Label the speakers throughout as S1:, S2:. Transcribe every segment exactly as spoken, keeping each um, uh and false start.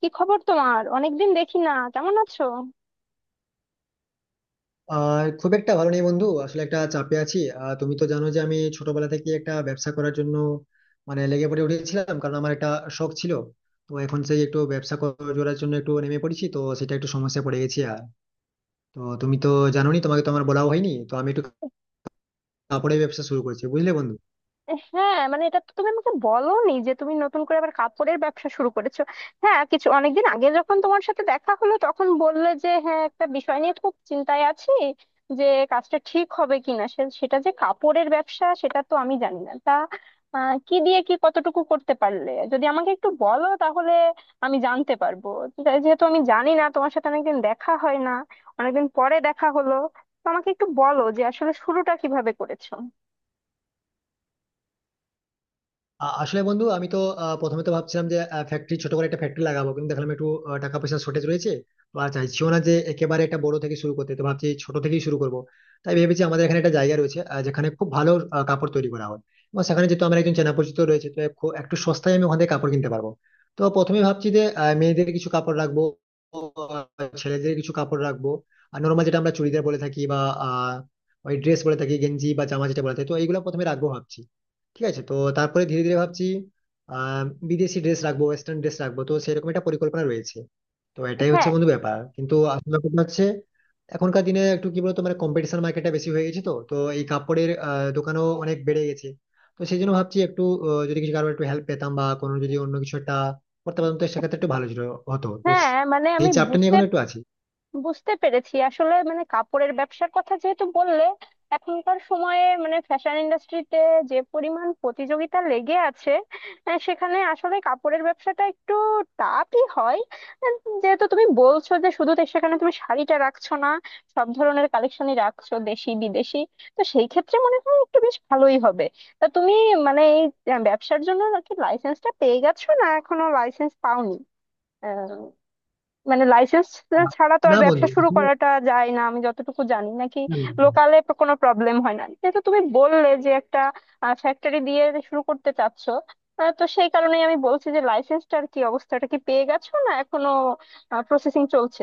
S1: কি খবর তোমার? অনেকদিন দেখি না, কেমন আছো?
S2: আর খুব একটা ভালো নেই বন্ধু। আসলে একটা চাপে আছি। আহ, তুমি তো জানো যে আমি ছোটবেলা থেকে একটা ব্যবসা করার জন্য মানে লেগে পড়ে উঠেছিলাম, কারণ আমার একটা শখ ছিল। তো এখন সেই একটু ব্যবসা কর- করার জন্য একটু নেমে পড়েছি, তো সেটা একটু সমস্যা পড়ে গেছি। আর তো তুমি তো জানোনি, তোমাকে তো আমার বলাও হয়নি। তো আমি একটু কাপড়ের ব্যবসা শুরু করেছি, বুঝলে বন্ধু।
S1: হ্যাঁ, মানে এটা তো তুমি আমাকে বলোনি যে তুমি নতুন করে আবার কাপড়ের ব্যবসা শুরু করেছো। হ্যাঁ, কিছু অনেকদিন আগে যখন তোমার সাথে দেখা হলো তখন বললে যে হ্যাঁ, একটা বিষয় নিয়ে খুব চিন্তায় আছি, যে কাজটা ঠিক হবে কিনা। সে- সেটা যে কাপড়ের ব্যবসা সেটা তো আমি জানি না। তা আহ, কি দিয়ে কি কতটুকু করতে পারলে যদি আমাকে একটু বলো, তাহলে আমি জানতে পারবো। যে- যেহেতু আমি জানি না, তোমার সাথে অনেকদিন দেখা হয় না, অনেকদিন পরে দেখা হলো, তো আমাকে একটু বলো যে আসলে শুরুটা কিভাবে করেছো।
S2: আ- আসলে বন্ধু, আমি তো আহ, প্রথমে তো ভাবছিলাম যে ফ্যাক্টরি ছোট করে একটা ফ্যাক্টরি লাগাবো, কিন্তু দেখলাম একটু আহ, টাকা পয়সার শর্টেজ রয়েছে। তো আর চাইছিও না যে একেবারে একটা বড় থেকে শুরু করতে, তো ভাবছি ছোট থেকেই শুরু করব। তাই ভেবেছি আমাদের এখানে একটা জায়গা রয়েছে আহ, যেখানে খুব ভালো আহ, কাপড় তৈরি করা হয়, এবং সেখানে যেহেতু আমার একজন চেনা পরিচিত রয়েছে তো খু- একটু সস্তায় আমি ওখান থেকে কাপড় কিনতে পারবো। তো প্রথমে ভাবছি যে আহ, মেয়েদের কিছু কাপড় রাখবো, আহ, ছেলেদের কিছু কাপড় রাখবো, আর নর্মাল যেটা আমরা চুড়িদার বলে থাকি বা আহ, ওই ড্রেস বলে থাকি, গেঞ্জি বা জামা যেটা বলে থাকি, তো এইগুলো প্রথমে রাখবো ভাবছি। ঠিক আছে। তো তারপরে ধীরে ধীরে ভাবছি আহ বিদেশি ড্রেস রাখবো, ওয়েস্টার্ন ড্রেস রাখবো, তো সেরকম একটা পরিকল্পনা রয়েছে। তো এটাই হচ্ছে
S1: হ্যাঁ,
S2: বন্ধু ব্যাপার। কিন্তু আসলে কথা হচ্ছে এখনকার দিনে একটু কি বলতো মানে কম্পিটিশন মার্কেটটা বেশি হয়ে গেছে, তো তো এই কাপড়ের আহ, দোকানও অনেক বেড়ে গেছে। তো সেই জন্য ভাবছি একটু আহ, যদি কিছু কারো একটু হেল্প পেতাম বা কোনো যদি অন্য কিছু একটা করতে পারতাম, তো সেক্ষেত্রে একটু ভালো ছিল- হতো। তো
S1: হ্যাঁ, মানে
S2: সেই
S1: আমি
S2: চাপটা নিয়ে
S1: বুঝতে
S2: এখন একটু আছি।
S1: বুঝতে পেরেছি। আসলে মানে কাপড়ের ব্যবসার কথা যেহেতু বললে, এখনকার সময়ে মানে ফ্যাশন ইন্ডাস্ট্রিতে যে পরিমাণ প্রতিযোগিতা লেগে আছে, আহ, সেখানে আসলে কাপড়ের ব্যবসাটা একটু টাফই হয়। আহ, যেহেতু তুমি বলছো যে শুধু তো সেখানে তুমি শাড়িটা রাখছো না, সব ধরনের কালেকশনই রাখছো, দেশি বিদেশি, তো সেই ক্ষেত্রে মনে হয় একটু বেশ ভালোই হবে। তা তুমি মানে এই আহ, ব্যবসার জন্য কি লাইসেন্সটা পেয়ে গেছো না এখনো লাইসেন্স পাওনি? মানে লাইসেন্স
S2: আহ,
S1: ছাড়া তো আর
S2: না
S1: ব্যবসা
S2: বন্ধু
S1: শুরু করাটা যায় না আমি যতটুকু জানি, নাকি
S2: আসলে-
S1: লোকালে কোনো প্রবলেম হয় না? যেহেতু তুমি বললে যে একটা ফ্যাক্টরি দিয়ে শুরু করতে চাচ্ছ, আহ, তো সেই কারণেই আমি বলছি যে লাইসেন্সটার কি অবস্থাটা, কি পেয়ে গেছো না এখনো প্রসেসিং চলছে?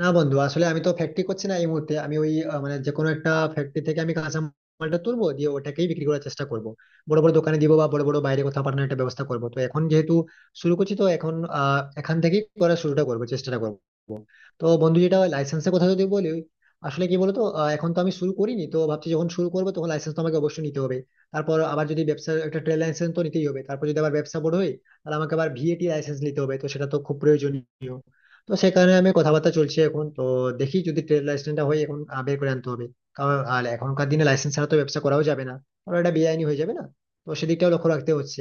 S2: না বন্ধু, আসলে আমি তো ফ্যাক্টরি করছি না এই মুহূর্তে। আমি ওই আহ, মানে যে কোনো একটা ফ্যাক্টরি থেকে আমি কাঁচামালটা তুলবো, দিয়ে ওটাকেই বিক্রি করার চেষ্টা করব। বড় বড় দোকানে দিব বা বড় বড় বাইরে কোথাও পাঠানোর একটা ব্যবস্থা করব। তো এখন যেহেতু শুরু করছি, তো এখন আহ এখান থেকেই করার শুরুটা করবো, চেষ্টাটা করব। তো বন্ধু, যেটা লাইসেন্সের কথা যদি বলি, আসলে কি বলতো আহ, এখন তো আমি শুরু করিনি, তো ভাবছি যখন শুরু করবো তখন লাইসেন্স তো আমাকে অবশ্যই নিতে হবে। তারপর আবার যদি ব্যবসার একটা ট্রেড লাইসেন্স তো নিতেই হবে, তারপর যদি আবার ব্যবসা বড় হয় তাহলে আমাকে আবার ভিএটি লাইসেন্স নিতে হবে, তো সেটা তো খুব প্রয়োজনীয়। তো সে কারণে আমি কথাবার্তা চলছে এখন। তো দেখি যদি ট্রেড লাইসেন্সটা হয়, এখন আহ, বের করে আনতে হবে। কারণ আর এখনকার দিনে লাইসেন্স ছাড়া তো ব্যবসা করাও যাবে না, কারণ এটা বেআইনি হয়ে যাবে না। তো সেদিকটাও লক্ষ্য রাখতে হচ্ছে।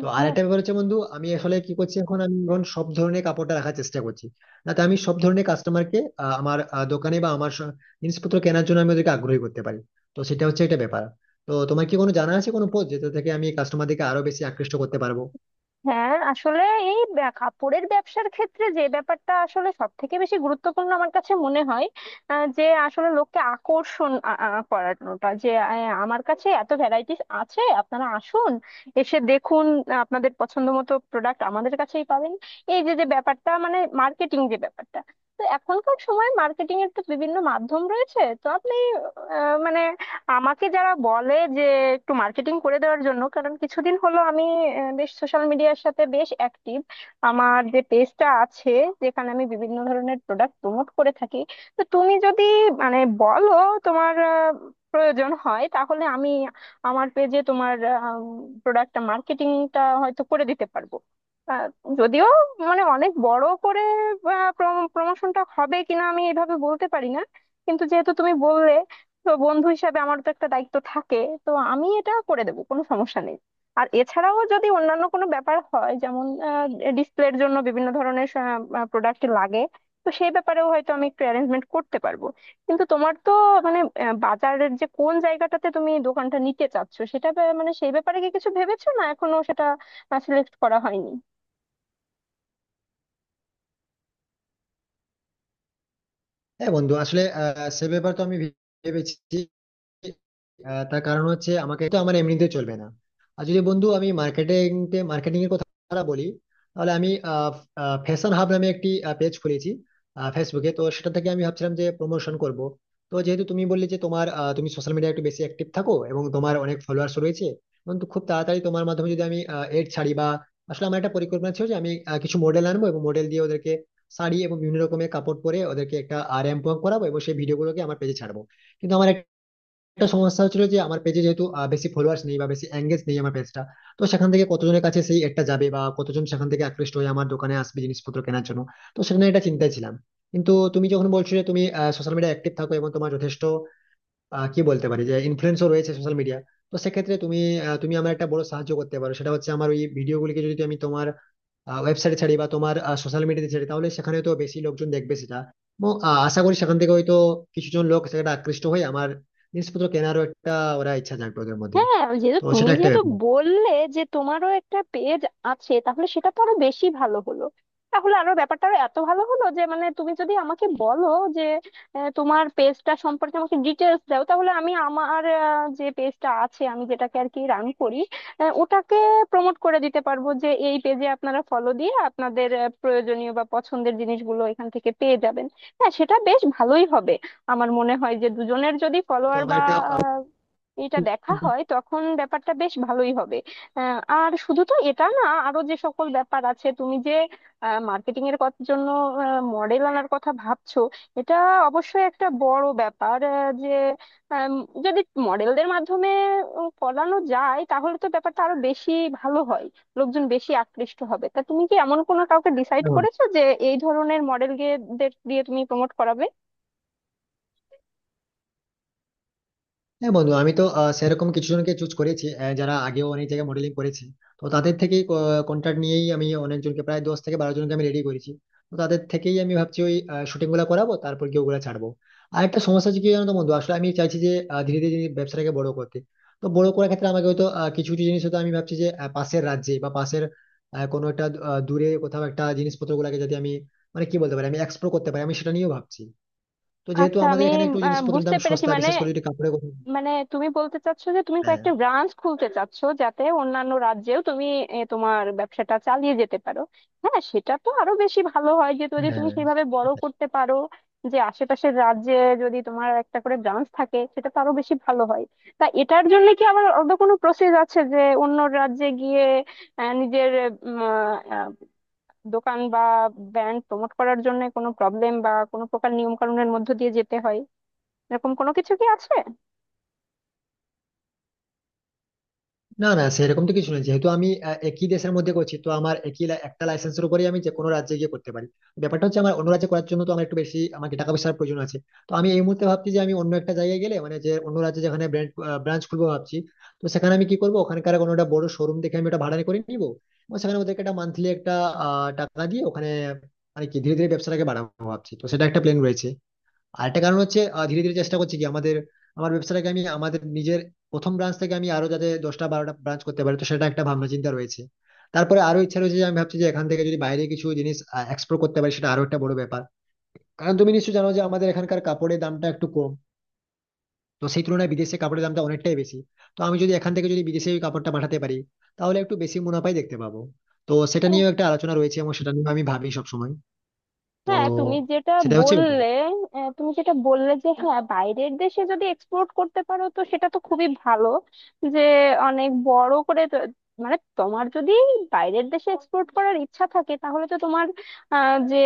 S2: তো আর একটা ব্যাপার হচ্ছে বন্ধু, আমি আসলে কি করছি এখন, আমি এখন সব ধরনের কাপড়টা রাখার চেষ্টা করছি না। তো আমি সব ধরনের কাস্টমারকে আমার আহ, দোকানে বা আমার স- জিনিসপত্র কেনার জন্য আমি ওদেরকে আগ্রহী করতে পারি, তো সেটা হচ্ছে একটা ব্যাপার। তো তোমার কি কোনো জানা আছে কোনো পথ, যেটা থেকে আমি কাস্টমারদেরকে আরো বেশি আকৃষ্ট করতে পারবো?
S1: হ্যাঁ আসলে এই ব্যা- কাপড়ের ব্যবসার ক্ষেত্রে যে ব্যাপারটা আসলে সব থেকে বেশি গুরুত্বপূর্ণ আমার কাছে মনে হয়, আহ, যে আসলে লোককে আকর্ষণ আ- আ- করানোটা, যে আহ, আমার কাছে এত ভ্যারাইটিস আছে, আপনারা আসুন, এসে দেখুন, আহ, আপনাদের পছন্দ মতো প্রোডাক্ট আমাদের কাছেই পাবেন, এই যে যে ব্যাপারটা মানে মার্কেটিং, যে ব্যাপারটা, তো এখনকার সময় মার্কেটিং এর তো বিভিন্ন মাধ্যম রয়েছে, তো আপনি আহ, মানে আমাকে যারা বলে যে একটু মার্কেটিং করে দেওয়ার জন্য, কারণ কিছুদিন হলো আমি আহ, বেশ সোশ্যাল মিডিয়ার সাথে বেশ অ্যাক্টিভ। আমার যে পেজটা আছে, যেখানে আমি বিভিন্ন ধরনের প্রোডাক্ট প্রমোট করে থাকি, তো তুমি যদি মানে বলো তোমার আহ, প্রয়োজন হয়, তাহলে আমি আমার পেজে তোমার প্রোডাক্টটা মার্কেটিংটা হয়তো করে দিতে পারবো। আহ, যদিও মানে অনেক বড় করে প্রমোশনটা হবে কিনা আমি এভাবে বলতে পারি না, কিন্তু যেহেতু তুমি বললে, তো বন্ধু হিসাবে আমার তো একটা দায়িত্ব থাকে, তো আমি এটা করে দেবো, কোনো সমস্যা নেই। আর এছাড়াও যদি অন্যান্য কোনো ব্যাপার হয়, যেমন ডিসপ্লের জন্য বিভিন্ন ধরনের প্রোডাক্ট লাগে, তো সেই ব্যাপারেও হয়তো আমি একটু অ্যারেঞ্জমেন্ট করতে পারবো। কিন্তু তোমার তো মানে আহ, বাজারের যে কোন জায়গাটাতে তুমি দোকানটা নিতে চাচ্ছো, সেটা ব্যা- মানে সেই ব্যাপারে কি কিছু ভেবেছো না এখনো সেটা সিলেক্ট করা হয়নি?
S2: হ্যাঁ বন্ধু, আসলে আহ সে ব্যাপার তো আমি ভেবেছি। আহ, তার কারণ হচ্ছে আমাকে তো আমার এমনিতে চলবে না। আর যদি বন্ধু আমি মার্কেটিং মার্কেটিং এর কথা বলি, তাহলে আমি ফ্যাশন হাব নামে একটি পেজ খুলেছি ফেসবুকে, তো সেটা থেকে আমি ভাবছিলাম যে প্রমোশন করব। তো যেহেতু তুমি বললে যে তোমার আহ, তুমি সোশ্যাল মিডিয়া একটু বেশি অ্যাক্টিভ থাকো এবং তোমার অনেক ফলোয়ার্স রয়েছে, এবং তো খুব তাড়াতাড়ি তোমার মাধ্যমে যদি আমি এড ছাড়ি বা, আসলে আমার একটা পরিকল্পনা ছিল যে আমি আহ, কিছু মডেল আনবো এবং মডেল দিয়ে ওদেরকে শাড়ি এবং বিভিন্ন রকমের কাপড় পরে ওদেরকে একটা র্যাম্প ওয়াক করাবো, এবং সেই ভিডিওগুলোকে আমার পেজে ছাড়বো। কিন্তু আমার একটা সমস্যা হচ্ছিল যে আমার পেজে যেহেতু আহ, বেশি ফলোয়ার্স নেই বা বেশি এঙ্গেজ নেই আমার পেজটা, তো সেখান থেকে কতজনের কাছে সেই একটা যাবে বা কতজন সেখান থেকে আকৃষ্ট হয়ে আমার দোকানে আসবে জিনিসপত্র কেনার জন্য, তো সেখানে একটা চিন্তায় ছিলাম। কিন্তু তুমি যখন বলছো যে তুমি সোশ্যাল মিডিয়া অ্যাক্টিভ থাকো এবং তোমার যথেষ্ট আহ, কি বলতে পারি যে ইনফ্লুয়েন্সও রয়েছে সোশ্যাল মিডিয়া, তো সেক্ষেত্রে তুমি আহ, তুমি আমার একটা বড় সাহায্য করতে পারো। সেটা হচ্ছে আমার ওই ভিডিওগুলিকে যদি আমি তোমার ওয়েবসাইটে ছাড়ি বা তোমার সোশ্যাল মিডিয়াতে ছাড়ি, তাহলে সেখানে তো বেশি লোকজন দেখবে সেটা, এবং আহ, আশা করি সেখান থেকে হয়তো কিছুজন লোক সেটা আকৃষ্ট হয়ে আমার জিনিসপত্র কেনারও একটা ওরা ইচ্ছা জাগবে ওদের মধ্যে,
S1: হ্যাঁ ওই যেহেতু
S2: তো
S1: তুমি
S2: সেটা একটা
S1: যেহেতু
S2: ব্যাপার।
S1: বললে যে তোমারও একটা পেজ আছে, তাহলে সেটা তো আরো বেশি ভালো হলো। তাহলে আরো ব্যাপারটা আরো এত ভালো হলো যে মানে তুমি যদি আমাকে বলো যে আহ, তোমার পেজটা সম্পর্কে আমাকে ডিটেলস দাও, তাহলে আমি আমার আহ, যে পেজটা আছে আমি যেটাকে আর কি রান করি, আহ, ওটাকে প্রমোট করে দিতে পারবো যে এই পেজে আপনারা ফলো দিয়ে আপনাদের আহ, প্রয়োজনীয় বা পছন্দের জিনিসগুলো এখান থেকে পেয়ে যাবেন। হ্যাঁ, সেটা বেশ ভালোই হবে। আমার মনে হয় যে দুজনের যদি
S2: তো
S1: ফলোয়ার
S2: আমার
S1: বা
S2: একটা
S1: এটা দেখা হয়, তখন ব্যাপারটা বেশ ভালোই হবে। আহ, আর শুধু তো এটা না, আরো যে সকল ব্যাপার আছে, তুমি যে মার্কেটিং এর কত- জন্য মডেল আনার কথা ভাবছো, এটা অবশ্যই একটা বড় ব্যাপার। আহ, যে আম, যদি মডেলদের মাধ্যমে উম, করানো যায়, তাহলে তো ব্যাপারটা আরো বেশি ভালো হয়, লোকজন বেশি আকৃষ্ট হবে। তা তুমি কি এমন কোনো কাউকে ডিসাইড
S2: আহ,
S1: করেছো যে এই ধরনের মডেল দিয়ে তুমি প্রমোট করাবে?
S2: হ্যাঁ বন্ধু, আমি তো আহ, সেরকম কিছু জনকে চুজ করেছি আহ, যারা আগেও অনেক জায়গায় মডেলিং করেছে। তো তাদের থেকেই কন্ট্রাক্ট নিয়েই আমি অনেকজনকে প্রায় দশ থেকে বারো জনকে আমি রেডি করেছি। তো তাদের থেকেই আমি ভাবছি ওই শুটিং গুলা করাবো, তারপর কি ওগুলা ছাড়বো। আর একটা সমস্যা হচ্ছে কি জানো তো বন্ধু, আসলে আমি চাইছি যে আহ, ধীরে ধীরে ব্যবসাটাকে বড় করতে। তো বড় করার ক্ষেত্রে আমাকে হয়তো আহ, কিছু কিছু জিনিস হয়তো আমি ভাবছি যে আহ, পাশের রাজ্যে বা পাশের আহ, কোনো একটা আহ, দূরে কোথাও একটা জিনিসপত্র গুলাকে যদি আমি মানে কি বলতে পারি আমি এক্সপ্লোর করতে পারি, আমি সেটা নিয়েও ভাবছি। তো যেহেতু
S1: আচ্ছা,
S2: আমাদের
S1: আমি
S2: এখানে একটু
S1: আহ,
S2: জিনিসপত্রের
S1: বুঝতে
S2: দাম
S1: পেরেছি।
S2: সস্তা,
S1: মানে
S2: বিশেষ করে যদি কাপড়ের কথা,
S1: মানে তুমি বলতে চাচ্ছো যে তুমি
S2: হ্যাঁ,
S1: কয়েকটা ব্রাঞ্চ খুলতে চাচ্ছো যাতে অন্যান্য রাজ্যেও তুমি এ, তোমার ব্যবসাটা চালিয়ে যেতে পারো। হ্যাঁ, সেটা তো আরো বেশি ভালো হয় যে যদি তুমি
S2: হ্যাঁ,
S1: সেভাবে বড় করতে পারো, যে আশেপাশের রাজ্যে যদি তোমার একটা করে ব্রাঞ্চ থাকে, সেটা তো আরো বেশি ভালো হয়। তা এটার জন্য কি আবার অন্য কোনো প্রসেস আছে যে অন্য রাজ্যে গিয়ে আহ, নিজের উম, আহ, দোকান বা ব্র্যান্ড প্রমোট করার জন্য কোনো প্রবলেম বা কোনো প্রকার নিয়ম কানুনের মধ্য দিয়ে যেতে হয়, এরকম কোনো কিছু কি আছে?
S2: না না সেরকম তো কিছু নেই। যেহেতু আমি আহ, একই দেশের মধ্যে করছি, তো আমার একই লা- একটা লাইসেন্সের উপরে আমি যে কোনো রাজ্যে গিয়ে করতে পারি। ব্যাপারটা হচ্ছে আমার অন্য রাজ্যে করার জন্য তো আমার একটু বেশি আমাকে টাকা পয়সার প্রয়োজন আছে। তো আমি এই মুহূর্তে ভাবছি যে আমি অন্য একটা জায়গায় গেলে, মানে যে অন্য রাজ্যে যেখানে ব্রাঞ্চ খুলবো ভাবছি, তো সেখানে আমি কি করবো, ওখানকার কোনো একটা বড় শোরুম দেখে আমি ওটা ভাড়া করে নিবো, এবং সেখানে ওদেরকে একটা মান্থলি একটা আহ, টাকা দিয়ে ওখানে মানে কি ধীরে ধীরে ব্যবসাটাকে বাড়াবো ভাবছি, তো সেটা একটা প্ল্যান রয়েছে। আরেকটা কারণ হচ্ছে আহ, ধীরে ধীরে চেষ্টা করছি কি আমাদের আমার ব্যবসাটাকে আমি আমাদের নিজের প্রথম ব্রাঞ্চ থেকে আমি আরো যাতে দশটা বারোটা ব্রাঞ্চ করতে পারি, তো সেটা একটা ভাবনা চিন্তা রয়েছে। তারপরে আরো ইচ্ছা রয়েছে যে আমি ভাবছি যে এখান থেকে যদি বাইরে কিছু জিনিস এক্সপোর্ট করতে পারি, সেটা আরো একটা বড় ব্যাপার। কারণ তুমি নিশ্চয়ই জানো যে আমাদের এখানকার কাপড়ের দামটা একটু কম, তো সেই তুলনায় বিদেশে কাপড়ের দামটা অনেকটাই বেশি। তো আমি যদি এখান থেকে যদি বিদেশে ওই কাপড়টা পাঠাতে পারি, তাহলে একটু বেশি মুনাফাই দেখতে পাবো। তো সেটা নিয়েও একটা আলোচনা রয়েছে এবং সেটা নিয়ে আমি ভাবি সবসময়। তো
S1: হ্যাঁ, তুমি যেটা
S2: সেটা হচ্ছে ব্যাপার।
S1: বললে, আহ, তুমি যেটা বললে যে হ্যাঁ বাইরের দেশে যদি এক্সপোর্ট করতে পারো, তো সেটা তো খুবই ভালো, যে অনেক বড় করে তো- মানে তোমার যদি বাইরের দেশে এক্সপোর্ট করার ইচ্ছা থাকে, তাহলে তো তোমার আহ, যে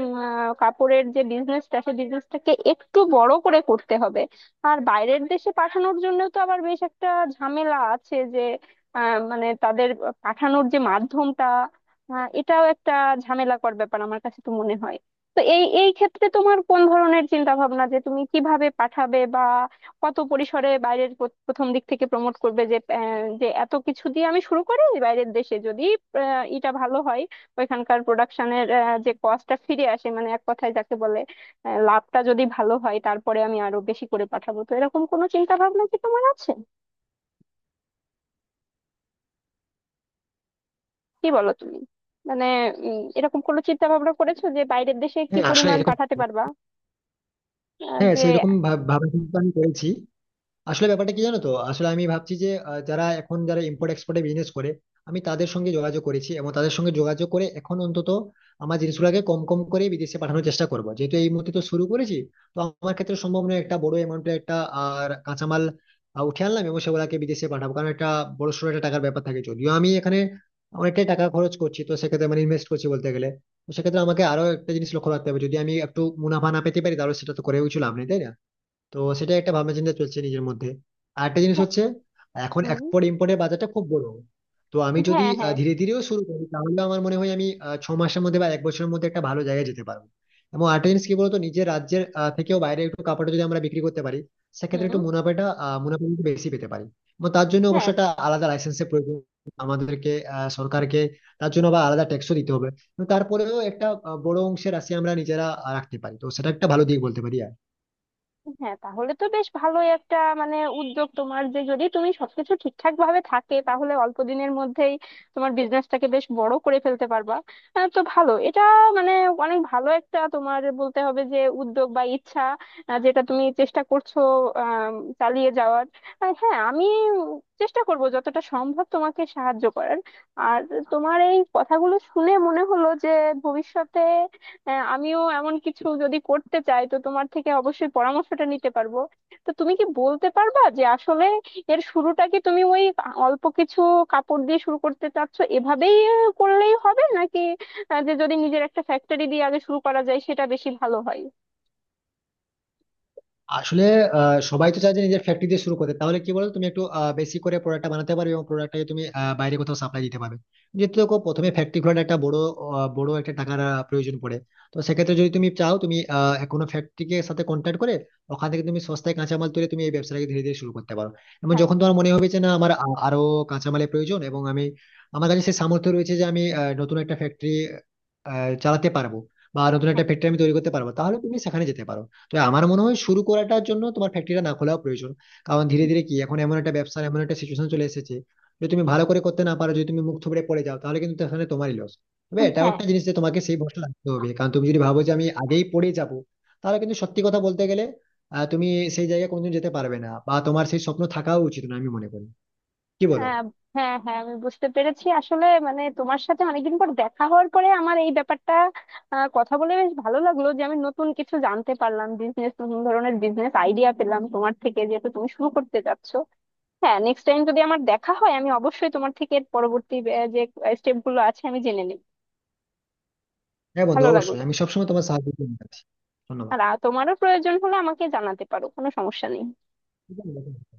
S1: উম, আহ, কাপড়ের যে বিজনেসটা, সেই বিজনেসটাকে একটু বড় করে করতে হবে। আর বাইরের দেশে পাঠানোর জন্য তো আবার বেশ একটা ঝামেলা আছে যে আহ, মানে তাদের পাঠানোর যে মাধ্যমটা, আহ, এটাও একটা ঝামেলাকর ব্যাপার আমার কাছে তো মনে হয়। তো এই এই ক্ষেত্রে তোমার কোন ধরনের চিন্তা ভাবনা, যে তুমি কিভাবে পাঠাবে বা কত পরিসরে বাইরের প্র- প্রথম দিক থেকে প্রমোট করবে যে আহ, যে এত কিছু দিয়ে আমি শুরু করি বাইরের দেশে, যদি আহ, এটা ভালো হয়, ওইখানকার প্রোডাকশনের যে কস্টটা ফিরে আসে, মানে এক কথায় যাকে বলে আহ, লাভটা যদি ভালো হয় তারপরে আমি আরো বেশি করে পাঠাবো, তো এরকম কোনো চিন্তা ভাবনা কি তোমার আছে? কি বলো তুমি, মানে উম, এরকম কোনো চিন্তা ভাবনা করেছো যে বাইরের দেশে কি
S2: হ্যাঁ আসলে
S1: পরিমাণ
S2: এরকম
S1: পাঠাতে পারবা? আহ,
S2: হ্যাঁ,
S1: যে
S2: সেইরকম ভাব ভাবা চিন্তা আমি করেছি। আসলে ব্যাপারটা কি জানো তো, আসলে আমি ভাবছি যে আহ, যারা এখন যারা ইম্পোর্ট এক্সপোর্টে বিজনেস করে, আমি তাদের সঙ্গে যোগাযোগ করেছি এবং তাদের সঙ্গে যোগাযোগ করে এখন অন্তত আমার জিনিসগুলোকে কম কম করে বিদেশে পাঠানোর চেষ্টা করব, যেহেতু এই মুহূর্তে তো শুরু করেছি। তো আমার ক্ষেত্রে সম্ভব নয় একটা বড় অ্যামাউন্টের একটা আর কাঁচামাল আহ, উঠে আনলাম এবং সেগুলোকে বিদেশে পাঠাবো, কারণ একটা বড় সড়ো একটা টাকার ব্যাপার থাকে। যদিও আমি এখানে অনেকটাই টাকা খরচ করছি, তো সেক্ষেত্রে মানে ইনভেস্ট করছি বলতে গেলে, তো সেক্ষেত্রে আমাকে আরো একটা জিনিস লক্ষ্য রাখতে হবে, যদি আমি একটু মুনাফা না পেতে পারি তাহলে সেটা তো করেও কিছু লাভ নেই, তাই না। তো সেটা একটা ভাবনা চিন্তা চলছে নিজের মধ্যে। আর একটা জিনিস
S1: হ্যাঁ.
S2: হচ্ছে এখন
S1: হুম.
S2: এক্সপোর্ট ইম্পোর্টের বাজারটা খুব বড়। তো আমি যদি
S1: হ্যাঁ,
S2: আহ,
S1: হ্যাঁ.
S2: ধীরে ধীরেও শুরু করি তাহলে আমার মনে হয় আমি আহ, ছ মাসের মধ্যে বা এক বছরের মধ্যে একটা ভালো জায়গায় যেতে পারবো। এবং আরেকটা জিনিস কি বলতো, নিজের রাজ্যের আহ, থেকেও বাইরে একটু কাপড়টা যদি আমরা বিক্রি করতে পারি, সেক্ষেত্রে
S1: হুম.
S2: একটু মুনাফাটা আহ, মুনাফা একটু বেশি পেতে পারি। এবং তার জন্য অবশ্য
S1: হ্যাঁ,
S2: একটা আলাদা লাইসেন্সের প্রয়োজন আমাদেরকে আহ, সরকারকে, তার জন্য আবার আলাদা ট্যাক্সও দিতে হবে। এবং তারপরেও একটা আহ, বড় অংশের রাশি আমরা নিজেরা আহ, রাখতে পারি, তো সেটা একটা ভালো দিক বলতে পারি।
S1: হ্যাঁ, তাহলে তো বেশ ভালোই একটা মানে উদ্যোগ তোমার, যে যদি তুমি সবকিছু ঠিকঠাক ভাবে থাকে, তাহলে অল্প দিনের মধ্যেই তোমার বিজনেসটাকে বেশ বড় করে ফেলতে পারবা। আহ, তো ভালো এটা, মানে অনেক ভালো একটা তোমার বলতে হবে যে উদ্যোগ বা ইচ্ছা, আহ, যেটা তুমি চেষ্টা করছো আহ চালিয়ে যাওয়ার। আর হ্যাঁ, আমি চেষ্টা করব যতটা সম্ভব তোমাকে সাহায্য করার। আর তোমার এই কথাগুলো শুনে মনে হলো যে ভবিষ্যতে হ্যাঁ আমিও এমন কিছু যদি করতে চাই, তো তোমার থেকে অবশ্যই পরামর্শটা নিতে পারবো। তো তুমি কি বলতে পারবা যে আসলে এর শুরুটা কি তুমি ওই অল্প কিছু কাপড় দিয়ে শুরু করতে চাচ্ছ, এভাবেই আহ, করলেই হবে, নাকি আহ, যে যদি নিজের একটা ফ্যাক্টরি দিয়ে আগে শুরু করা যায় সেটা বেশি ভালো হয়?
S2: আসলে আহ, সবাই তো চায় যে নিজের ফ্যাক্টরি দিয়ে শুরু করতে, তাহলে কি বলো তুমি একটু আহ, বেশি করে প্রোডাক্টটা বানাতে পারবে এবং প্রোডাক্টটাকে তুমি আহ, বাইরে কোথাও সাপ্লাই দিতে পারবে। যেহেতু দেখো প্রথমে ফ্যাক্টরি খোলার একটা বড় আহ, বড় একটা টাকার আহ, প্রয়োজন পড়ে। তো সেক্ষেত্রে যদি তুমি চাও তুমি আহ, কোনো ফ্যাক্টরিকে সাথে কন্ট্যাক্ট করে ওখান থেকে তুমি সস্তায় কাঁচামাল তুলে তুমি এই ব্যবসাটাকে ধীরে ধীরে শুরু করতে পারো। এবং
S1: হ্যাঁ.
S2: যখন তোমার মনে হবে যে না আমার আ- আরো কাঁচামালের প্রয়োজন এবং আমি আমার কাছে সেই সামর্থ্য রয়েছে যে আমি আহ, নতুন একটা ফ্যাক্টরি চালাতে পারবো বা নতুন একটা
S1: হ্যাঁ.
S2: ফ্যাক্টরি আমি তৈরি করতে পারবো, তাহলে তুমি সেখানে যেতে পারো। তো আমার মনে হয় শুরু করাটার জন্য তোমার ফ্যাক্টরিটা না খোলাও প্রয়োজন। কারণ ধীরে ধীরে কি এখন এমন একটা ব্যবসার এমন একটা সিচুয়েশন চলে এসেছে, যদি তুমি ভালো করে করতে না পারো, যদি তুমি মুখ থুবড়ে পড়ে যাও, তাহলে কিন্তু তাহলে তোমারই লস। তবে
S1: উম,
S2: এটাও
S1: হ্যাঁ.
S2: একটা জিনিস যে তোমাকে সেই ভরসা রাখতে হবে, কারণ তুমি যদি ভাবো যে আমি আগেই পড়ে যাব, তাহলে কিন্তু সত্যি কথা বলতে গেলে আহ, তুমি সেই জায়গায় কোনোদিন যেতে পারবে না, বা তোমার সেই স্বপ্ন থাকাও উচিত না আমি মনে করি। কি বলো।
S1: হ্যাঁ. হ্যাঁ, হ্যাঁ আমি বুঝতে পেরেছি। আসলে মানে তোমার সাথে অনেকদিন পর দেখা হওয়ার পরে আমার এই ব্যাপারটা আহ, কথা বলে বেশ ভালো লাগলো, যে আমি নতুন কিছু জানতে পারলাম, বিজনেস, নতুন ধরনের বিজনেস আইডিয়া পেলাম তোমার থেকে, যেহেতু তুমি শুরু করতে যাচ্ছো। হ্যাঁ, নেক্সট টাইম যদি আমার দেখা হয়, আমি অবশ্যই তোমার থেকে এর পরবর্তী আহ, যে স্টেপ গুলো আছে আমি জেনে নিই।
S2: হ্যাঁ বন্ধু,
S1: ভালো
S2: অবশ্যই
S1: লাগলো।
S2: আমি সবসময় তোমার সাহায্য করতে রাজি আছি।
S1: আর আহ, তোমারও প্রয়োজন হলে আমাকে জানাতে পারো, কোনো সমস্যা নেই।
S2: ধন্যবাদ।